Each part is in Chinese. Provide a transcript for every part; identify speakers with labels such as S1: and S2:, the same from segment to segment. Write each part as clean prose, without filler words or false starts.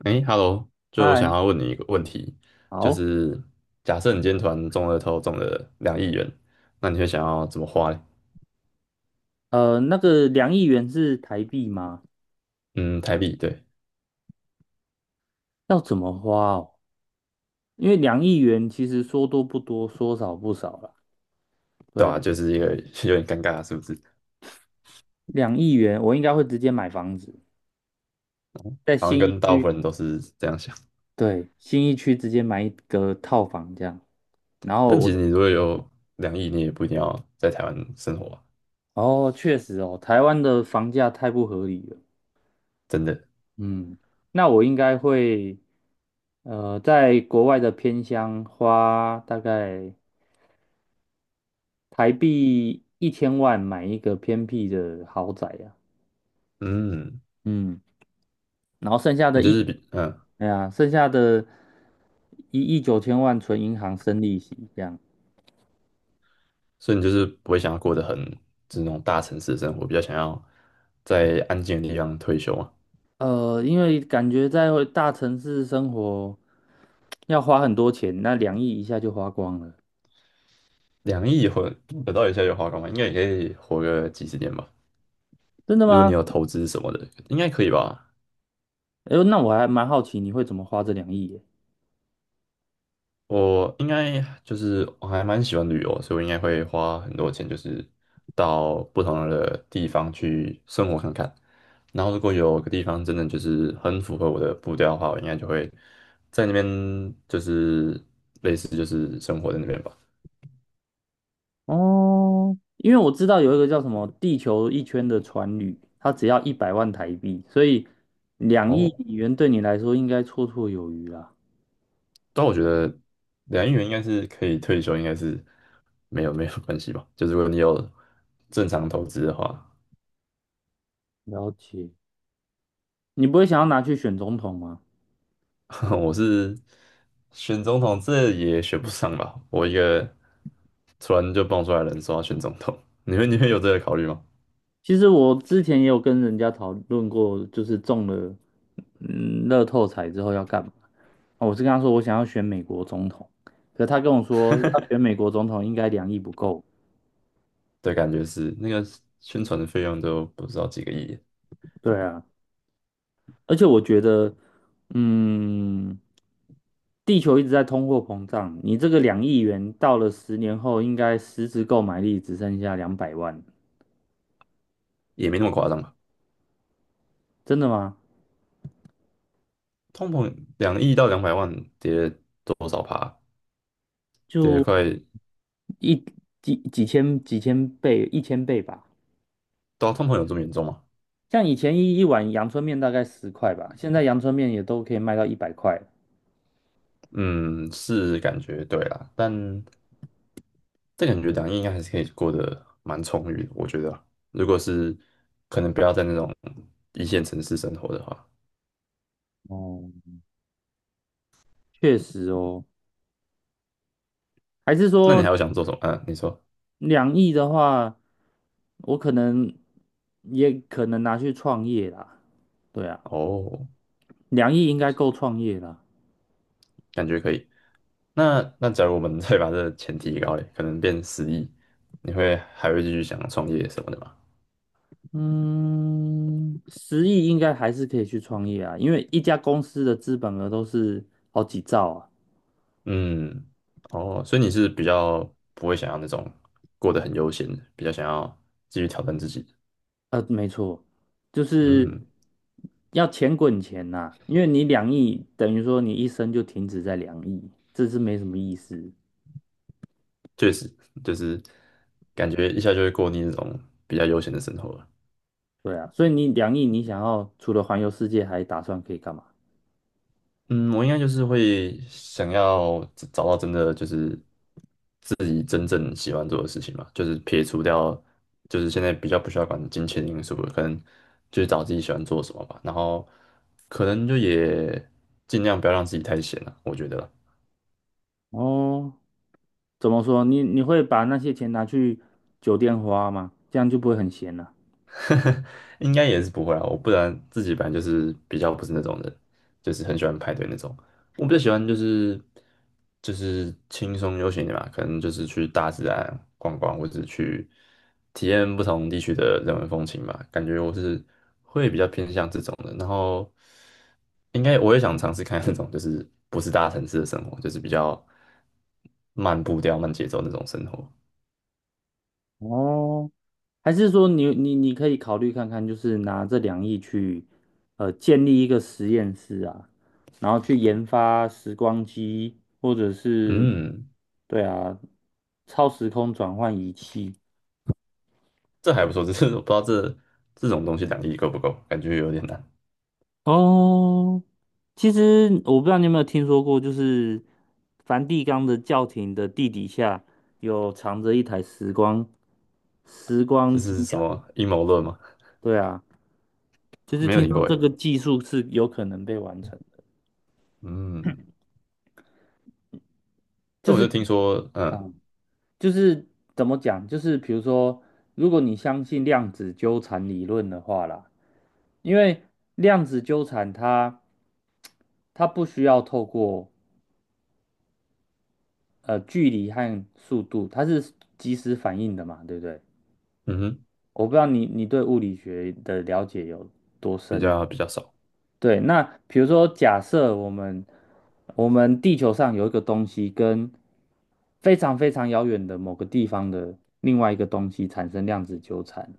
S1: 哎，Hello，就我想
S2: 嗨，
S1: 要问你一个问题，就
S2: 好。
S1: 是假设你今天团中了头，中了两亿元，那你会想要怎么花嘞？
S2: 那个两亿元是台币吗？
S1: 嗯，台币，对，
S2: 要怎么花哦？因为两亿元其实说多不多，说少不少啦。
S1: 对
S2: 对
S1: 啊，
S2: 啊，
S1: 就是一个 有点尴尬，是不是？
S2: 两亿元我应该会直接买房子，在
S1: 好像
S2: 新一
S1: 跟大部
S2: 区。
S1: 分人都是这样想。
S2: 对，新一区直接买一个套房这样。然后
S1: 但其实
S2: 我，
S1: 你如果有两亿，你也不一定要在台湾生活啊，
S2: 哦，确实哦，台湾的房价太不合理了。
S1: 真的。
S2: 嗯，那我应该会，在国外的偏乡花大概台币1000万买一个偏僻的豪宅呀、
S1: 嗯，
S2: 嗯，然后剩下
S1: 你
S2: 的
S1: 就
S2: 一，
S1: 是比嗯，
S2: 哎呀，剩下的1亿9千万存银行生利息，这样。
S1: 所以你就是不会想要过得很就是那种大城市的生活，比较想要在安静的地方退休啊。
S2: 因为感觉在大城市生活要花很多钱，那两亿一下就花光了。
S1: 两亿或得到一下就花光吗？应该也可以活个几十年吧。
S2: 真的
S1: 如果你
S2: 吗？
S1: 有投资什么的，应该可以吧？
S2: 哎呦，那我还蛮好奇你会怎么花这两亿耶？
S1: 我应该就是我还蛮喜欢旅游，所以我应该会花很多钱，就是到不同的地方去生活看看。然后如果有个地方真的就是很符合我的步调的话，我应该就会在那边就是类似就是生活在那边吧。
S2: 哦，因为我知道有一个叫什么"地球一圈"的船旅，它只要100万台币，所以两亿
S1: 哦，
S2: 美元对你来说应该绰绰有余啦。
S1: 但我觉得两亿元应该是可以退休，应该是没有关系吧。就是如果你有正常投资的话，
S2: 了解，你不会想要拿去选总统吗？
S1: 我是选总统，这也选不上吧。我一个突然就蹦出来的人说要选总统，你们有这个考虑吗？
S2: 其实我之前也有跟人家讨论过，就是中了乐透彩之后要干嘛。啊我是跟他说我想要选美国总统，可他跟我说要选美国总统应该两亿不够。
S1: 对，感觉是那个宣传的费用都不知道几个亿，
S2: 对啊，而且我觉得，嗯，地球一直在通货膨胀，你这个两亿元到了10年后，应该实质购买力只剩下200万。
S1: 也没那么夸张吧。
S2: 真的吗？
S1: 通膨两亿到200万跌多少趴？跌
S2: 就
S1: 快，
S2: 一几千倍，1000倍吧。
S1: 到通膨有这么严重吗？
S2: 像以前一碗阳春面大概10块吧，现在阳春面也都可以卖到100块了。
S1: 嗯，是感觉对啦，但感觉两亿应该还是可以过得蛮充裕的，我觉得啊如果是可能不要在那种一线城市生活的话，
S2: 哦，确实哦，还是
S1: 那你
S2: 说
S1: 还有想做什么？啊，你说
S2: 两亿的话，我可能也可能拿去创业啦。对啊。
S1: 哦，
S2: 两亿应该够创业了。
S1: 感觉可以。那假如我们 再把这个钱提高嘞，可能变10亿，你会还会继续想创业什么的吗？
S2: 嗯，10亿应该还是可以去创业啊，因为一家公司的资本额都是好几兆啊。
S1: 嗯，哦，所以你是比较不会想要那种过得很悠闲的，比较想要继续挑战自己的
S2: 没错，就是
S1: 嗯，
S2: 要钱滚钱呐、因为你两亿等于说你一生就停止在两亿，这是没什么意思。
S1: 确实，就是感觉一下就会过腻那种比较悠闲的生活了。
S2: 对啊，所以你两亿，你想要除了环游世界，还打算可以干嘛？
S1: 嗯，我应该就是会想要找到真的就是自己真正喜欢做的事情嘛，就是撇除掉就是现在比较不需要管金钱因素了，可能就是找自己喜欢做什么吧，然后可能就也尽量不要让自己太闲了，我觉得啦
S2: 哦，怎么说？你会把那些钱拿去酒店花吗？这样就不会很闲了。
S1: 应该也是不会啊，我不然自己本来就是比较不是那种人，就是很喜欢派对那种。我比较喜欢就是就是轻松悠闲的点吧，可能就是去大自然逛逛，或者去体验不同地区的人文风情吧。感觉我是会比较偏向这种的，然后应该我也想尝试看那种就是不是大城市的生活，就是比较慢步调、慢节奏那种生活。
S2: 哦，还是说你可以考虑看看，就是拿这两亿去建立一个实验室啊，然后去研发时光机，或者是
S1: 嗯。
S2: 对啊超时空转换仪器。
S1: 这还不错，只是我不知道这种东西两亿够不够，感觉有点难。
S2: 哦，其实我不知道你有没有听说过，就是梵蒂冈的教廷的地底下有藏着一台时光时
S1: 这
S2: 光机
S1: 是什
S2: 啊。
S1: 么阴谋论吗？
S2: 对啊，就是
S1: 没有
S2: 听
S1: 听
S2: 说
S1: 过
S2: 这
S1: 诶。
S2: 个技术是有可能被完成的，
S1: 嗯，
S2: 就
S1: 但我就
S2: 是。
S1: 听说，
S2: 啊
S1: 嗯
S2: 就是怎么讲？就是比如说，如果你相信量子纠缠理论的话啦，因为量子纠缠它不需要透过距离和速度，它是即时反应的嘛，对不对？
S1: 嗯哼，
S2: 我不知道你对物理学的了解有多
S1: 比
S2: 深嘛？
S1: 较比较少，
S2: 对，那比如说，假设我们地球上有一个东西跟非常非常遥远的某个地方的另外一个东西产生量子纠缠，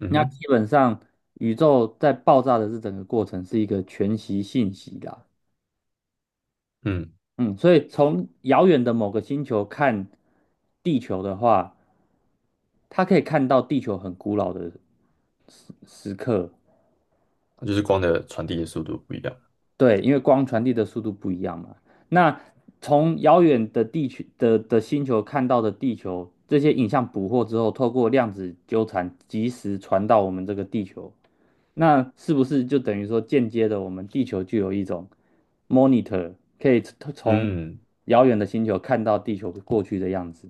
S1: 嗯
S2: 那
S1: 哼，
S2: 基本上，宇宙在爆炸的这整个过程是一个全息信息啦。
S1: 嗯，
S2: 嗯，所以从遥远的某个星球看地球的话，它可以看到地球很古老的时刻。
S1: 就是光的传递的速度不一样。
S2: 对，因为光传递的速度不一样嘛。那从遥远的地区的星球看到的地球，这些影像捕获之后，透过量子纠缠，及时传到我们这个地球。那是不是就等于说间接的，我们地球就有一种 monitor,可以从
S1: 嗯，
S2: 遥远的星球看到地球过去的样子？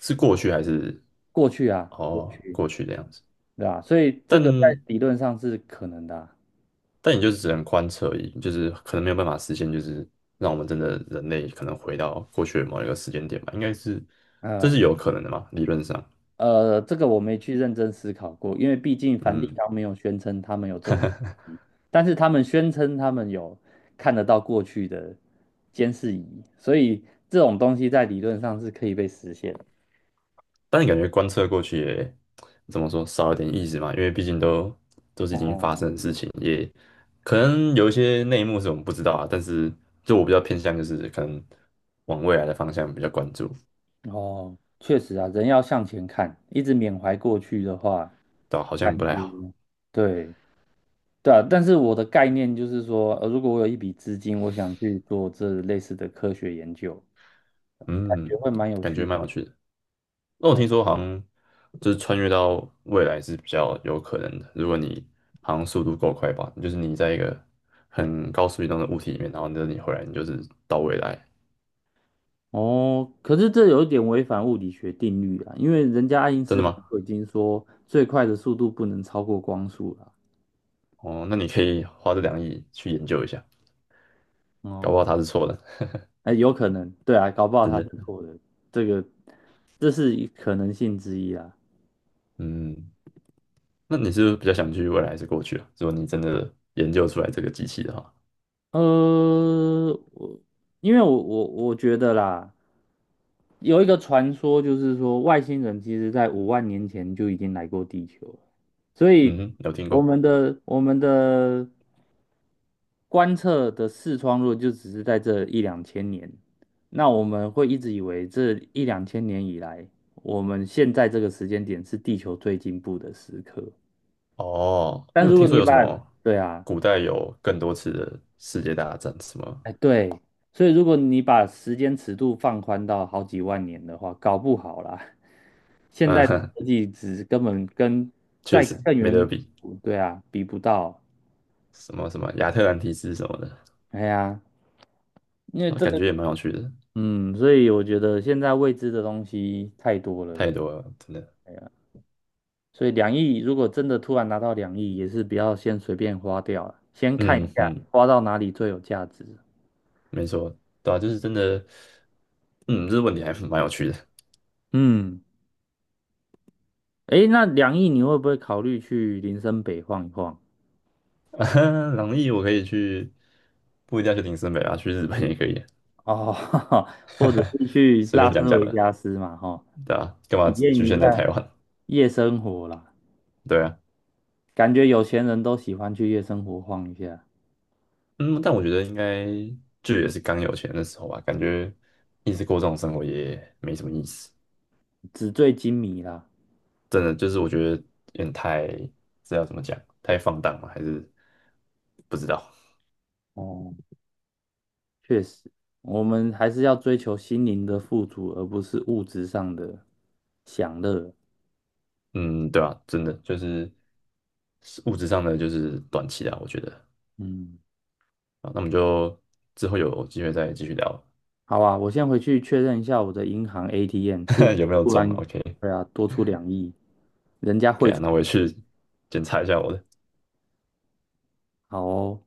S1: 是过去还是
S2: 过去啊，过
S1: 哦
S2: 去，
S1: 过去的样子？
S2: 对吧？所以这个在
S1: 但
S2: 理论上是可能的啊。
S1: 但也就是只能观测而已，就是可能没有办法实现，就是让我们真的人类可能回到过去的某一个时间点吧，应该是这
S2: 嗯
S1: 是有可能的嘛，理论上，
S2: 这个我没去认真思考过，因为毕竟梵蒂
S1: 嗯。
S2: 冈没有宣称他们有这种但是他们宣称他们有看得到过去的监视仪，所以这种东西在理论上是可以被实现的。
S1: 但你感觉观测过去也怎么说少了点意思嘛？因为毕竟都是已经发
S2: 哦。
S1: 生的事情，也可能有一些内幕是我们不知道啊。但是就我比较偏向就是可能往未来的方向比较关注，
S2: 哦，确实啊，人要向前看，一直缅怀过去的话，
S1: 对吧？好
S2: 感
S1: 像不太
S2: 觉
S1: 好，
S2: 对，对啊。但是我的概念就是说，如果我有一笔资金，我想去做这类似的科学研究，感
S1: 嗯，
S2: 觉会蛮有
S1: 感
S2: 趣
S1: 觉
S2: 的。
S1: 蛮有趣的。那我
S2: 嗯，
S1: 听说好像就是穿越到未来是比较有可能的，如果你好像速度够快吧，就是你在一个很高速移动的物体里面，然后呢你回来你就是到未来，
S2: 哦，可是这有一点违反物理学定律啊，因为人家爱因
S1: 真
S2: 斯
S1: 的
S2: 坦
S1: 吗？
S2: 都已经说最快的速度不能超过光速了。
S1: 哦，那你可以花这两亿去研究一下，搞不好
S2: 哦，
S1: 他是错的，
S2: 哎，有可能，对啊，搞不 好
S1: 真
S2: 他是
S1: 的。
S2: 错的，这个这是一可能性之一啊。
S1: 嗯，那你是不是比较想去未来还是过去啊？如果你真的研究出来这个机器的话，
S2: 呃，我因为我觉得啦，有一个传说就是说，外星人其实在5万年前就已经来过地球了，所
S1: 嗯
S2: 以
S1: 哼有听
S2: 我
S1: 过
S2: 们的我们的观测的视窗如果就只是在这一两千年，那我们会一直以为这一两千年以来，我们现在这个时间点是地球最进步的时刻。
S1: 哦，
S2: 但
S1: 因为我
S2: 如果
S1: 听说
S2: 你
S1: 有
S2: 把，
S1: 什么
S2: 对啊，
S1: 古代有更多次的世界大战，什么，
S2: 哎，对，所以如果你把时间尺度放宽到好几万年的话，搞不好啦，现代科
S1: 嗯
S2: 技只根本跟
S1: 确
S2: 在
S1: 实
S2: 更
S1: 没得
S2: 远
S1: 比，
S2: 古对啊，比不到。
S1: 什么什么亚特兰提斯什么的，
S2: 哎呀，因为
S1: 那
S2: 这
S1: 感
S2: 个，
S1: 觉也蛮有趣的，
S2: 嗯，所以我觉得现在未知的东西太多了，
S1: 太多了，真的。
S2: 所以两亿如果真的突然拿到两亿，也是不要先随便花掉了，先看一
S1: 嗯
S2: 下
S1: 哼，
S2: 花到哪里最有价值。
S1: 没错，对啊，就是真的，嗯，这个问题还蛮有趣的。
S2: 嗯，哎，那两亿你会不会考虑去林森北晃一晃？
S1: 啊，朗逸我可以去，不一定要去林森北啊，去日本也可以，
S2: 哦，或者 是去
S1: 随
S2: 拉
S1: 便讲
S2: 斯
S1: 讲
S2: 维
S1: 的，
S2: 加斯嘛，哈，
S1: 对啊，干嘛
S2: 体验
S1: 局
S2: 一
S1: 限在
S2: 下
S1: 台湾？
S2: 夜生活啦。
S1: 对啊，
S2: 感觉有钱人都喜欢去夜生活晃一下，
S1: 嗯，但我觉得应该就也是刚有钱的时候吧，感觉一直过这种生活也没什么意思，
S2: 纸醉金迷啦。
S1: 真的就是我觉得有点太，这要怎么讲，太放荡了，还是不知道，
S2: 哦，确实，我们还是要追求心灵的富足，而不是物质上的享乐。
S1: 嗯，对啊，真的就是物质上的就是短期的，我觉得
S2: 嗯，
S1: 啊，那我们就之后有机会再继续聊。
S2: 好啊，我先回去确认一下我的银行 ATM 是不
S1: 有没
S2: 是
S1: 有
S2: 突
S1: 中
S2: 然，
S1: OK
S2: 对啊，多出两亿，人家
S1: 可
S2: 汇
S1: 以啊，
S2: 出，
S1: 那我也去检查一下我的。
S2: 好哦。